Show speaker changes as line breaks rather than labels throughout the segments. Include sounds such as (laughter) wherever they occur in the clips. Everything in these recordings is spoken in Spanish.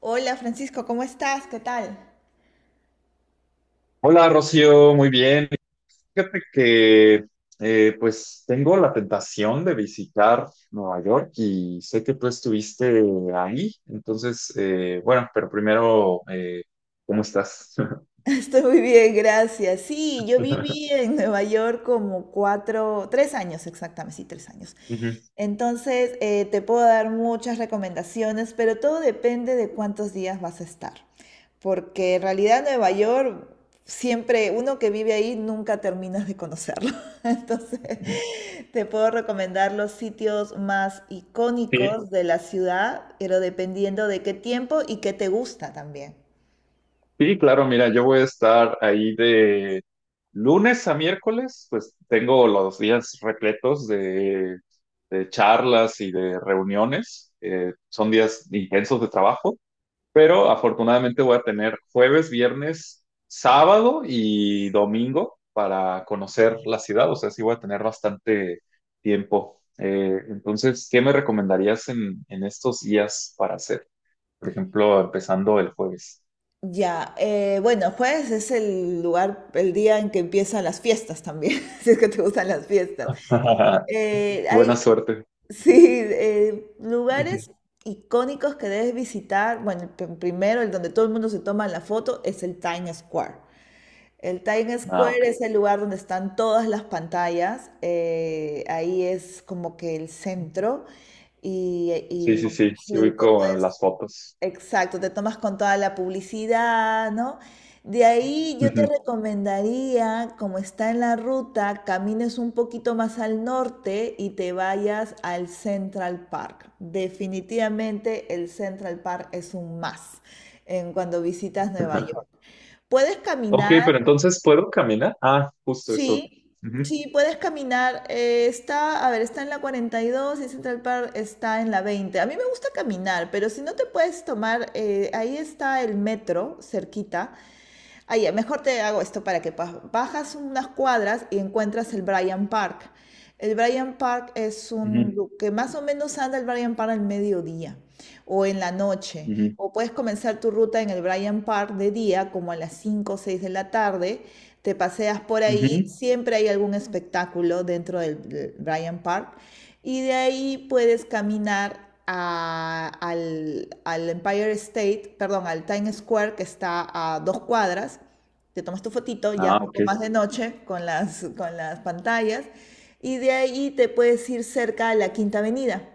Hola Francisco, ¿cómo estás? ¿Qué tal?
Hola Rocío, muy bien. Fíjate que pues tengo la tentación de visitar Nueva York y sé que tú estuviste ahí. Entonces bueno, pero primero, ¿cómo estás? (laughs)
(laughs) Estoy muy bien, gracias. Sí, yo viví en Nueva York como 4, 3 años exactamente, sí, 3 años.
Ujú.
Entonces, te puedo dar muchas recomendaciones, pero todo depende de cuántos días vas a estar. Porque en realidad Nueva York, siempre, uno que vive ahí nunca terminas de conocerlo. (laughs) Entonces, te puedo recomendar los sitios más
Sí,
icónicos de la ciudad, pero dependiendo de qué tiempo y qué te gusta también.
sí, claro, mira, yo voy a estar ahí de lunes a miércoles, pues tengo los días repletos de charlas y de reuniones. Son días intensos de trabajo. Pero afortunadamente voy a tener jueves, viernes, sábado y domingo para conocer la ciudad. O sea, sí voy a tener bastante tiempo. Entonces, ¿qué me recomendarías en estos días para hacer? Por ejemplo, empezando el jueves.
Ya, bueno, jueves es el lugar, el día en que empiezan las fiestas también, (laughs) si es que te gustan las fiestas.
(laughs)
Eh, hay,
Buena suerte.
Sí,
Ujú.
lugares icónicos que debes visitar. Bueno, el primero, el donde todo el mundo se toma la foto, es el Times Square. El Times
Ah, ok.
Square es el lugar donde están todas las pantallas. Ahí es como que el centro y,
Sí,
y
sí, sí, sí
sí. te
ubico
puedes
las fotos.
Exacto, te tomas con toda la publicidad, ¿no? De ahí yo te
Ujú.
recomendaría, como está en la ruta, camines un poquito más al norte y te vayas al Central Park. Definitivamente el Central Park es un más en cuando visitas Nueva York.
(laughs)
Puedes
Ok,
caminar.
pero entonces ¿puedo caminar? Ah, justo eso.
Sí,
Ujú,
sí, puedes caminar. Está, a ver, está en la 42 y Central Park está en la 20. A mí me gusta caminar, pero si no te puedes tomar, ahí está el metro cerquita. Ahí, mejor te hago esto para que bajas unas cuadras y encuentras el Bryant Park. El Bryant Park es
ujú,
que más o menos anda el Bryant Park al mediodía o en la noche.
ujú,
O puedes comenzar tu ruta en el Bryant Park de día, como a las 5 o 6 de la tarde, te paseas por ahí,
ujú.
siempre hay algún espectáculo dentro del Bryant Park y de ahí puedes caminar al Empire State, perdón, al Times Square que está a 2 cuadras. Te tomas tu fotito ya
Ah,
un
ok.
poco más de noche con las pantallas y de ahí te puedes ir cerca a la Quinta Avenida.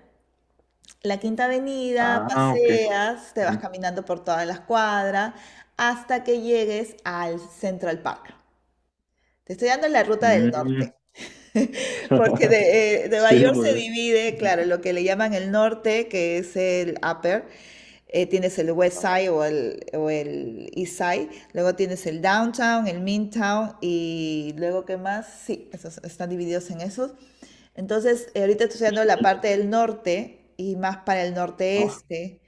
La Quinta Avenida,
Ah, ok.
paseas, te vas
Ujú.
caminando por todas las cuadras hasta que llegues al Central Park. Te estoy dando la ruta del
Mm.
norte, porque
(laughs)
Nueva
Sí,
York
muy
se
bien.
divide,
Ujú.
claro, lo que le llaman el norte, que es el upper, tienes el west
No,
side o el east side, luego tienes el downtown, el midtown y luego qué más, sí, esos están divididos en esos. Entonces, ahorita estoy estudiando la parte del norte y más para el
no,
norte-este.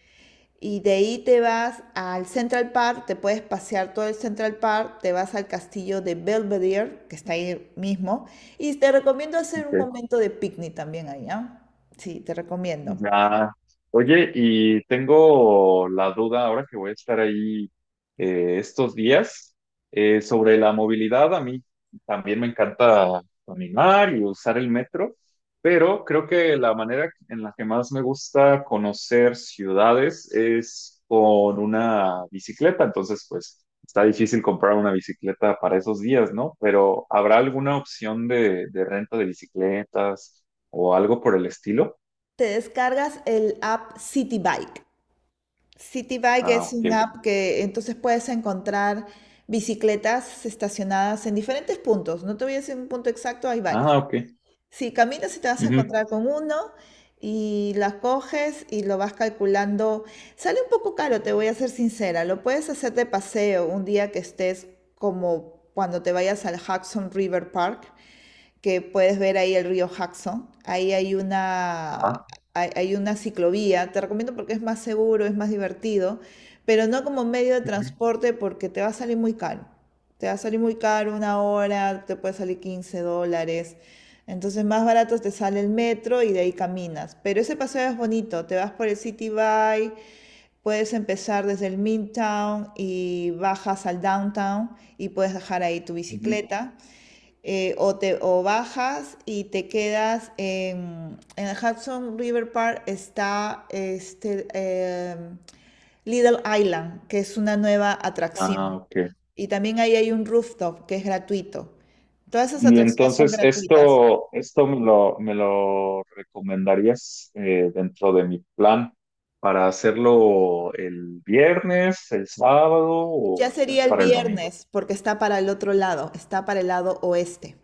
Y de ahí te vas al Central Park, te puedes pasear todo el Central Park, te vas al castillo de Belvedere, que está ahí mismo, y te recomiendo hacer un
ok.
momento de picnic también ahí, ¿ah? Sí, te recomiendo.
Ya. Oye, y tengo la duda ahora que voy a estar ahí estos días, sobre la movilidad. A mí también me encanta caminar y usar el metro, pero creo que la manera en la que más me gusta conocer ciudades es con una bicicleta. Entonces, pues está difícil comprar una bicicleta para esos días, ¿no? Pero ¿habrá alguna opción de renta de bicicletas o algo por el estilo?
Te descargas el app City Bike. City Bike
Ah,
es un
ok.
app que entonces puedes encontrar bicicletas estacionadas en diferentes puntos. No te voy a decir un punto exacto, hay
Ah,
varios.
ok.
Sí, caminas y te vas a
Ujú.
encontrar con uno y la coges y lo vas calculando. Sale un poco caro, te voy a ser sincera. Lo puedes hacer de paseo un día que estés como cuando te vayas al Hudson River Park que puedes ver ahí el río Jackson. Ahí hay una,
Ajá.
hay una ciclovía, te recomiendo porque es más seguro, es más divertido, pero no como medio de
Ujú,
transporte porque te va a salir muy caro. Te va a salir muy caro una hora, te puede salir $15. Entonces más barato te sale el metro y de ahí caminas. Pero ese paseo es bonito, te vas por el City Bike, puedes empezar desde el Midtown y bajas al Downtown y puedes dejar ahí tu
ujú.
bicicleta. O bajas y te quedas en el Hudson River Park. Está este, Little Island, que es una nueva
Ah,
atracción.
ok.
Y también ahí hay un rooftop que es gratuito. Todas esas
Y
atracciones son
entonces
gratuitas.
esto me lo recomendarías dentro de mi plan para hacerlo el viernes, el sábado o
Ya
ya
sería el
para el domingo.
viernes porque está para el otro lado, está para el lado oeste.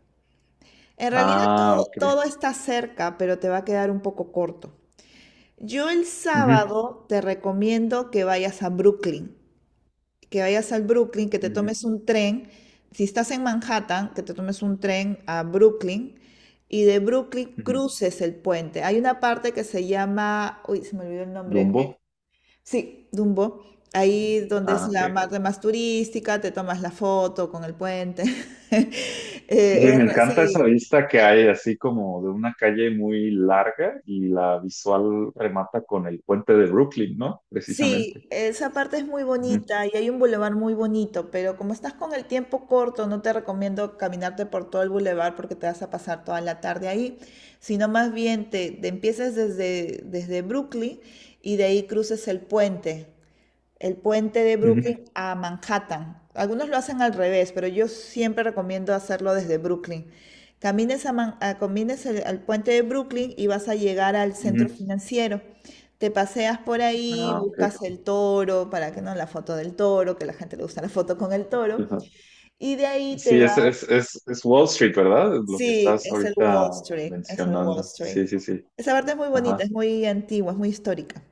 En realidad
Ah,
todo,
ok.
todo está cerca, pero te va a quedar un poco corto. Yo el
Ujú,
sábado te recomiendo que vayas a Brooklyn, que vayas al Brooklyn, que te
ujú,
tomes un tren, si estás en Manhattan, que te tomes un tren a Brooklyn y de Brooklyn
ujú.
cruces el puente. Hay una parte que se llama, uy, se me olvidó el nombre, que,
Dumbo.
sí, Dumbo, ahí donde es
Ah, ok.
la parte más turística, te tomas la foto con el puente. (laughs)
Sí, me encanta esa
Sí,
vista que hay, así como de una calle muy larga y la visual remata con el puente de Brooklyn, ¿no? Precisamente.
Sí, esa parte es muy
Ujú,
bonita y hay un bulevar muy bonito, pero como estás con el tiempo corto, no te recomiendo caminarte por todo el bulevar porque te vas a pasar toda la tarde ahí, sino más bien te empiezas desde Brooklyn y de ahí cruces el puente de Brooklyn
ujú,
a Manhattan. Algunos lo hacen al revés, pero yo siempre recomiendo hacerlo desde Brooklyn. Camines, a Man- a- camines el- al puente de Brooklyn y vas a llegar al
ujú.
centro financiero. Te paseas por ahí,
Ah, ok.
buscas el toro, para que no la foto del toro, que a la gente le gusta la foto con el toro,
Ajá.
y de ahí te
Sí,
vas.
es Wall Street, ¿verdad? Lo que
Sí,
estás
es el Wall
ahorita
Street, es el Wall
mencionando.
Street.
Sí, sí, sí.
Esa parte es muy bonita,
Ajá.
es muy antigua, es muy histórica.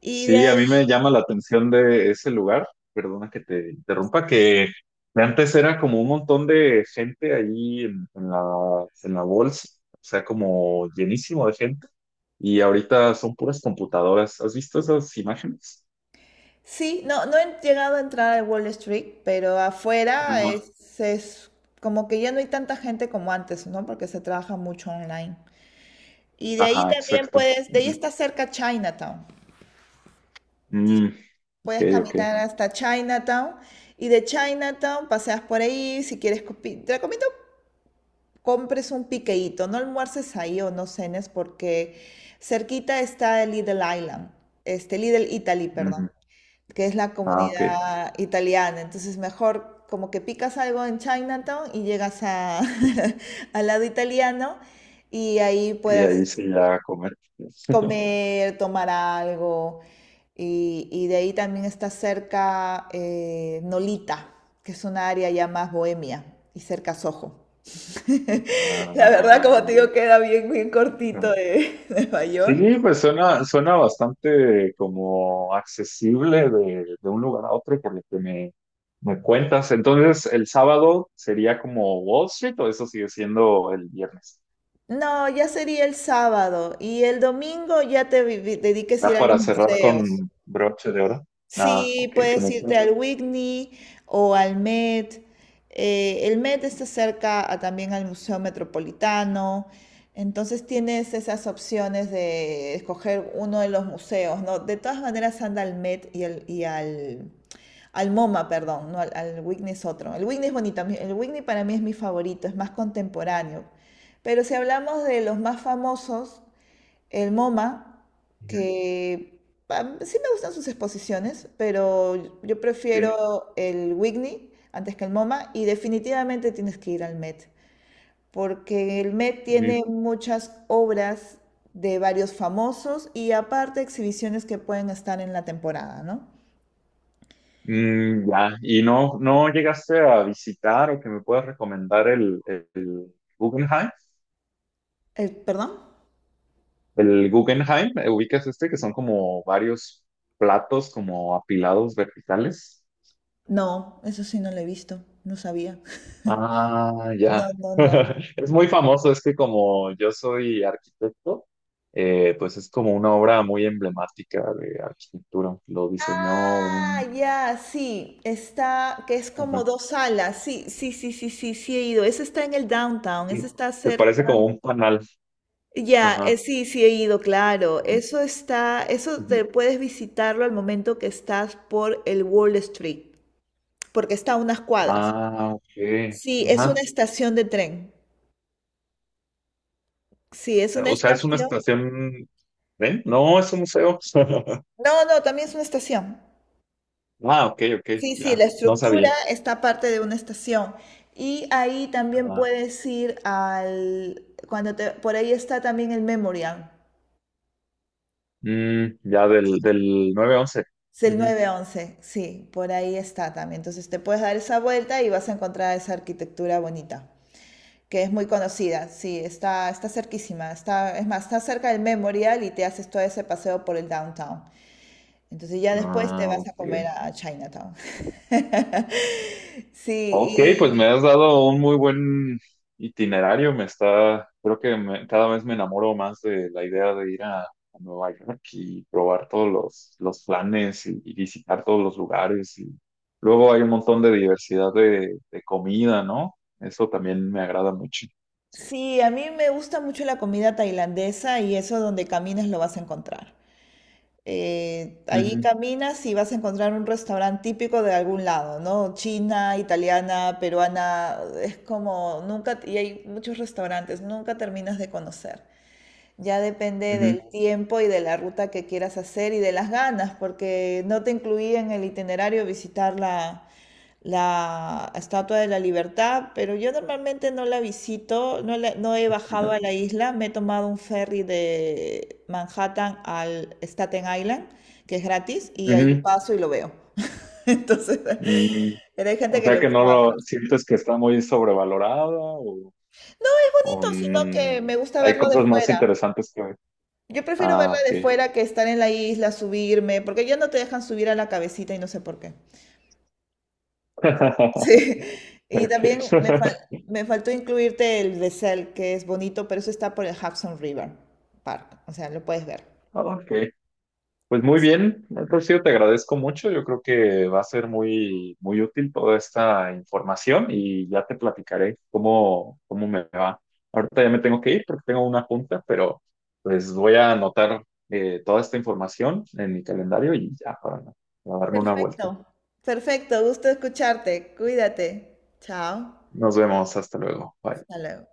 Y de
Sí, a mí
ahí.
me llama la atención de ese lugar, perdona que te interrumpa, que de antes era como un montón de gente ahí en la bolsa, o sea, como llenísimo de gente, y ahorita son puras computadoras. ¿Has visto esas imágenes?
Sí, no, no he llegado a entrar a Wall Street, pero afuera
Ajá.
es como que ya no hay tanta gente como antes, ¿no? Porque se trabaja mucho online. Y de ahí
Ajá,
también
exacto.
puedes. De ahí
Ujú.
está cerca Chinatown.
Mm, ok,
Puedes
ok.
caminar hasta Chinatown y de Chinatown paseas por ahí. Si quieres, te recomiendo compres un piqueíto, no almuerces ahí o no cenes porque cerquita está el Little Island, este Little Italy, perdón,
Ujú.
que es la
Ah, ok.
comunidad italiana. Entonces, mejor como que picas algo en Chinatown y llegas a, (laughs) al lado italiano y ahí
Y
puedes
ahí se ya a comer. (laughs)
comer, tomar algo. Y de ahí también está cerca Nolita, que es una área ya más bohemia y cerca Soho. (laughs) La
Ah,
verdad, ah, como te
ok.
digo, sí, queda bien, bien cortito
Ah,
de (laughs) de Nueva York.
sí, pues suena, suena bastante como accesible de un lugar a otro por lo que me cuentas. Entonces, el sábado sería como Wall Street o eso sigue siendo el viernes.
No, ya sería el sábado y el domingo ya te dediques a
¿Da
ir a los
para cerrar
museos.
con broche de oro? Nada,
Sí,
ok, con
puedes irte
eso.
al Whitney o al Met. El Met está cerca a- también al Museo Metropolitano. Entonces tienes esas opciones de escoger uno de los museos, ¿no? De todas maneras anda al Met al MoMA, perdón, no, al Whitney es otro. El Whitney es bonito, el Whitney para mí es mi favorito, es más contemporáneo. Pero si hablamos de los más famosos, el MoMA,
Ujú,
que sí me gustan sus exposiciones, pero yo prefiero
sí.
el Whitney antes que el MoMA y definitivamente tienes que ir al Met, porque el Met
Ujú.
tiene muchas obras de varios famosos y aparte exhibiciones que pueden estar en la temporada, ¿no?
Mm, ya, ¿y no, no llegaste a visitar o que me puedas recomendar el Guggenheim?
El, ¿perdón?
El Guggenheim, ¿eh? Ubicas este, que son como varios platos como apilados verticales.
No, eso sí no lo he visto, no sabía.
Ah,
No,
ya.
no, no.
(laughs) Es muy famoso, es que como yo soy arquitecto, pues es como una obra muy emblemática de arquitectura. Lo diseñó
Ah,
un...
ya, sí, está, que es como
Ajá.
dos salas, sí, sí, sí, sí, sí, sí he ido, ese está en el downtown, ese
Sí,
está
se
cerca,
parece como un panal.
ya,
Ajá,
sí, sí he ido, claro,
ajá,
eso está, eso te
ujú.
puedes visitarlo al momento que estás por el Wall Street, porque está a unas cuadras,
Ah, ok.
sí, es una
Ajá.
estación de tren, sí, es una
O sea, es una
estación,
estación... ¿Ven? No, es un museo. (laughs)
no, no, también es una estación,
Ah, ok, ok,
sí, sí, la
ya, no
estructura
sabía.
está parte de una estación. Y ahí también
Ah,
puedes ir al. Cuando por ahí está también el Memorial.
mm, ya del 9/11.
Es el
Ujú.
9/11. Sí, por ahí está también. Entonces te puedes dar esa vuelta y vas a encontrar esa arquitectura bonita, que es muy conocida. Sí, está cerquísima. Está, es más, está cerca del Memorial y te haces todo ese paseo por el downtown. Entonces ya después te
Ah,
vas a comer
ok.
a Chinatown. (laughs)
Ok, pues me
Sí,
has dado un muy buen itinerario. Me está, creo que me- cada vez me enamoro más de la idea de ir a Nueva York y probar todos los planes y visitar todos los lugares. Y luego hay un montón de diversidad de comida, ¿no? Eso también me agrada mucho.
sí, a mí me gusta mucho la comida tailandesa y eso donde camines lo vas a encontrar. Ahí
Ujú,
caminas y vas a encontrar un restaurante típico de algún lado, ¿no? China, italiana, peruana, es como nunca, y hay muchos restaurantes, nunca terminas de conocer. Ya depende
ujú,
del tiempo y de la ruta que quieras hacer y de las ganas, porque no te incluía en el itinerario visitar la Estatua de la Libertad, pero yo normalmente no la visito, no, no he bajado a la isla, me he tomado un ferry de Manhattan al Staten Island, que es gratis, y ahí
ujú.
paso y lo veo. (laughs) Entonces,
Ujú.
pero hay gente
O
que le
sea que
gusta
no
bajar.
lo sientes que está muy sobrevalorada o,
No es
o
bonito, sino
n-
que me gusta
hay
verlo de
cosas más
fuera.
interesantes que...
Yo prefiero verla
Ah,
de
ok.
fuera que estar en la isla, subirme, porque ya no te dejan subir a la cabecita y no sé por qué.
(laughs)
Sí. (laughs) Y
Okay.
también me, fal-
(laughs)
me faltó incluirte el Bessel, que es bonito, pero eso está por el Hudson River Park. O sea, lo puedes ver.
Ok. Pues muy bien, Rocío, te agradezco mucho. Yo creo que va a ser muy, muy útil toda esta información y ya te platicaré cómo, cómo me va. Ahorita ya me tengo que ir porque tengo una junta, pero pues voy a anotar toda esta información en mi calendario y ya para darme una vuelta.
Perfecto. Perfecto, gusto escucharte. Cuídate. Chao.
Nos vemos, hasta luego. Bye.
Hasta luego.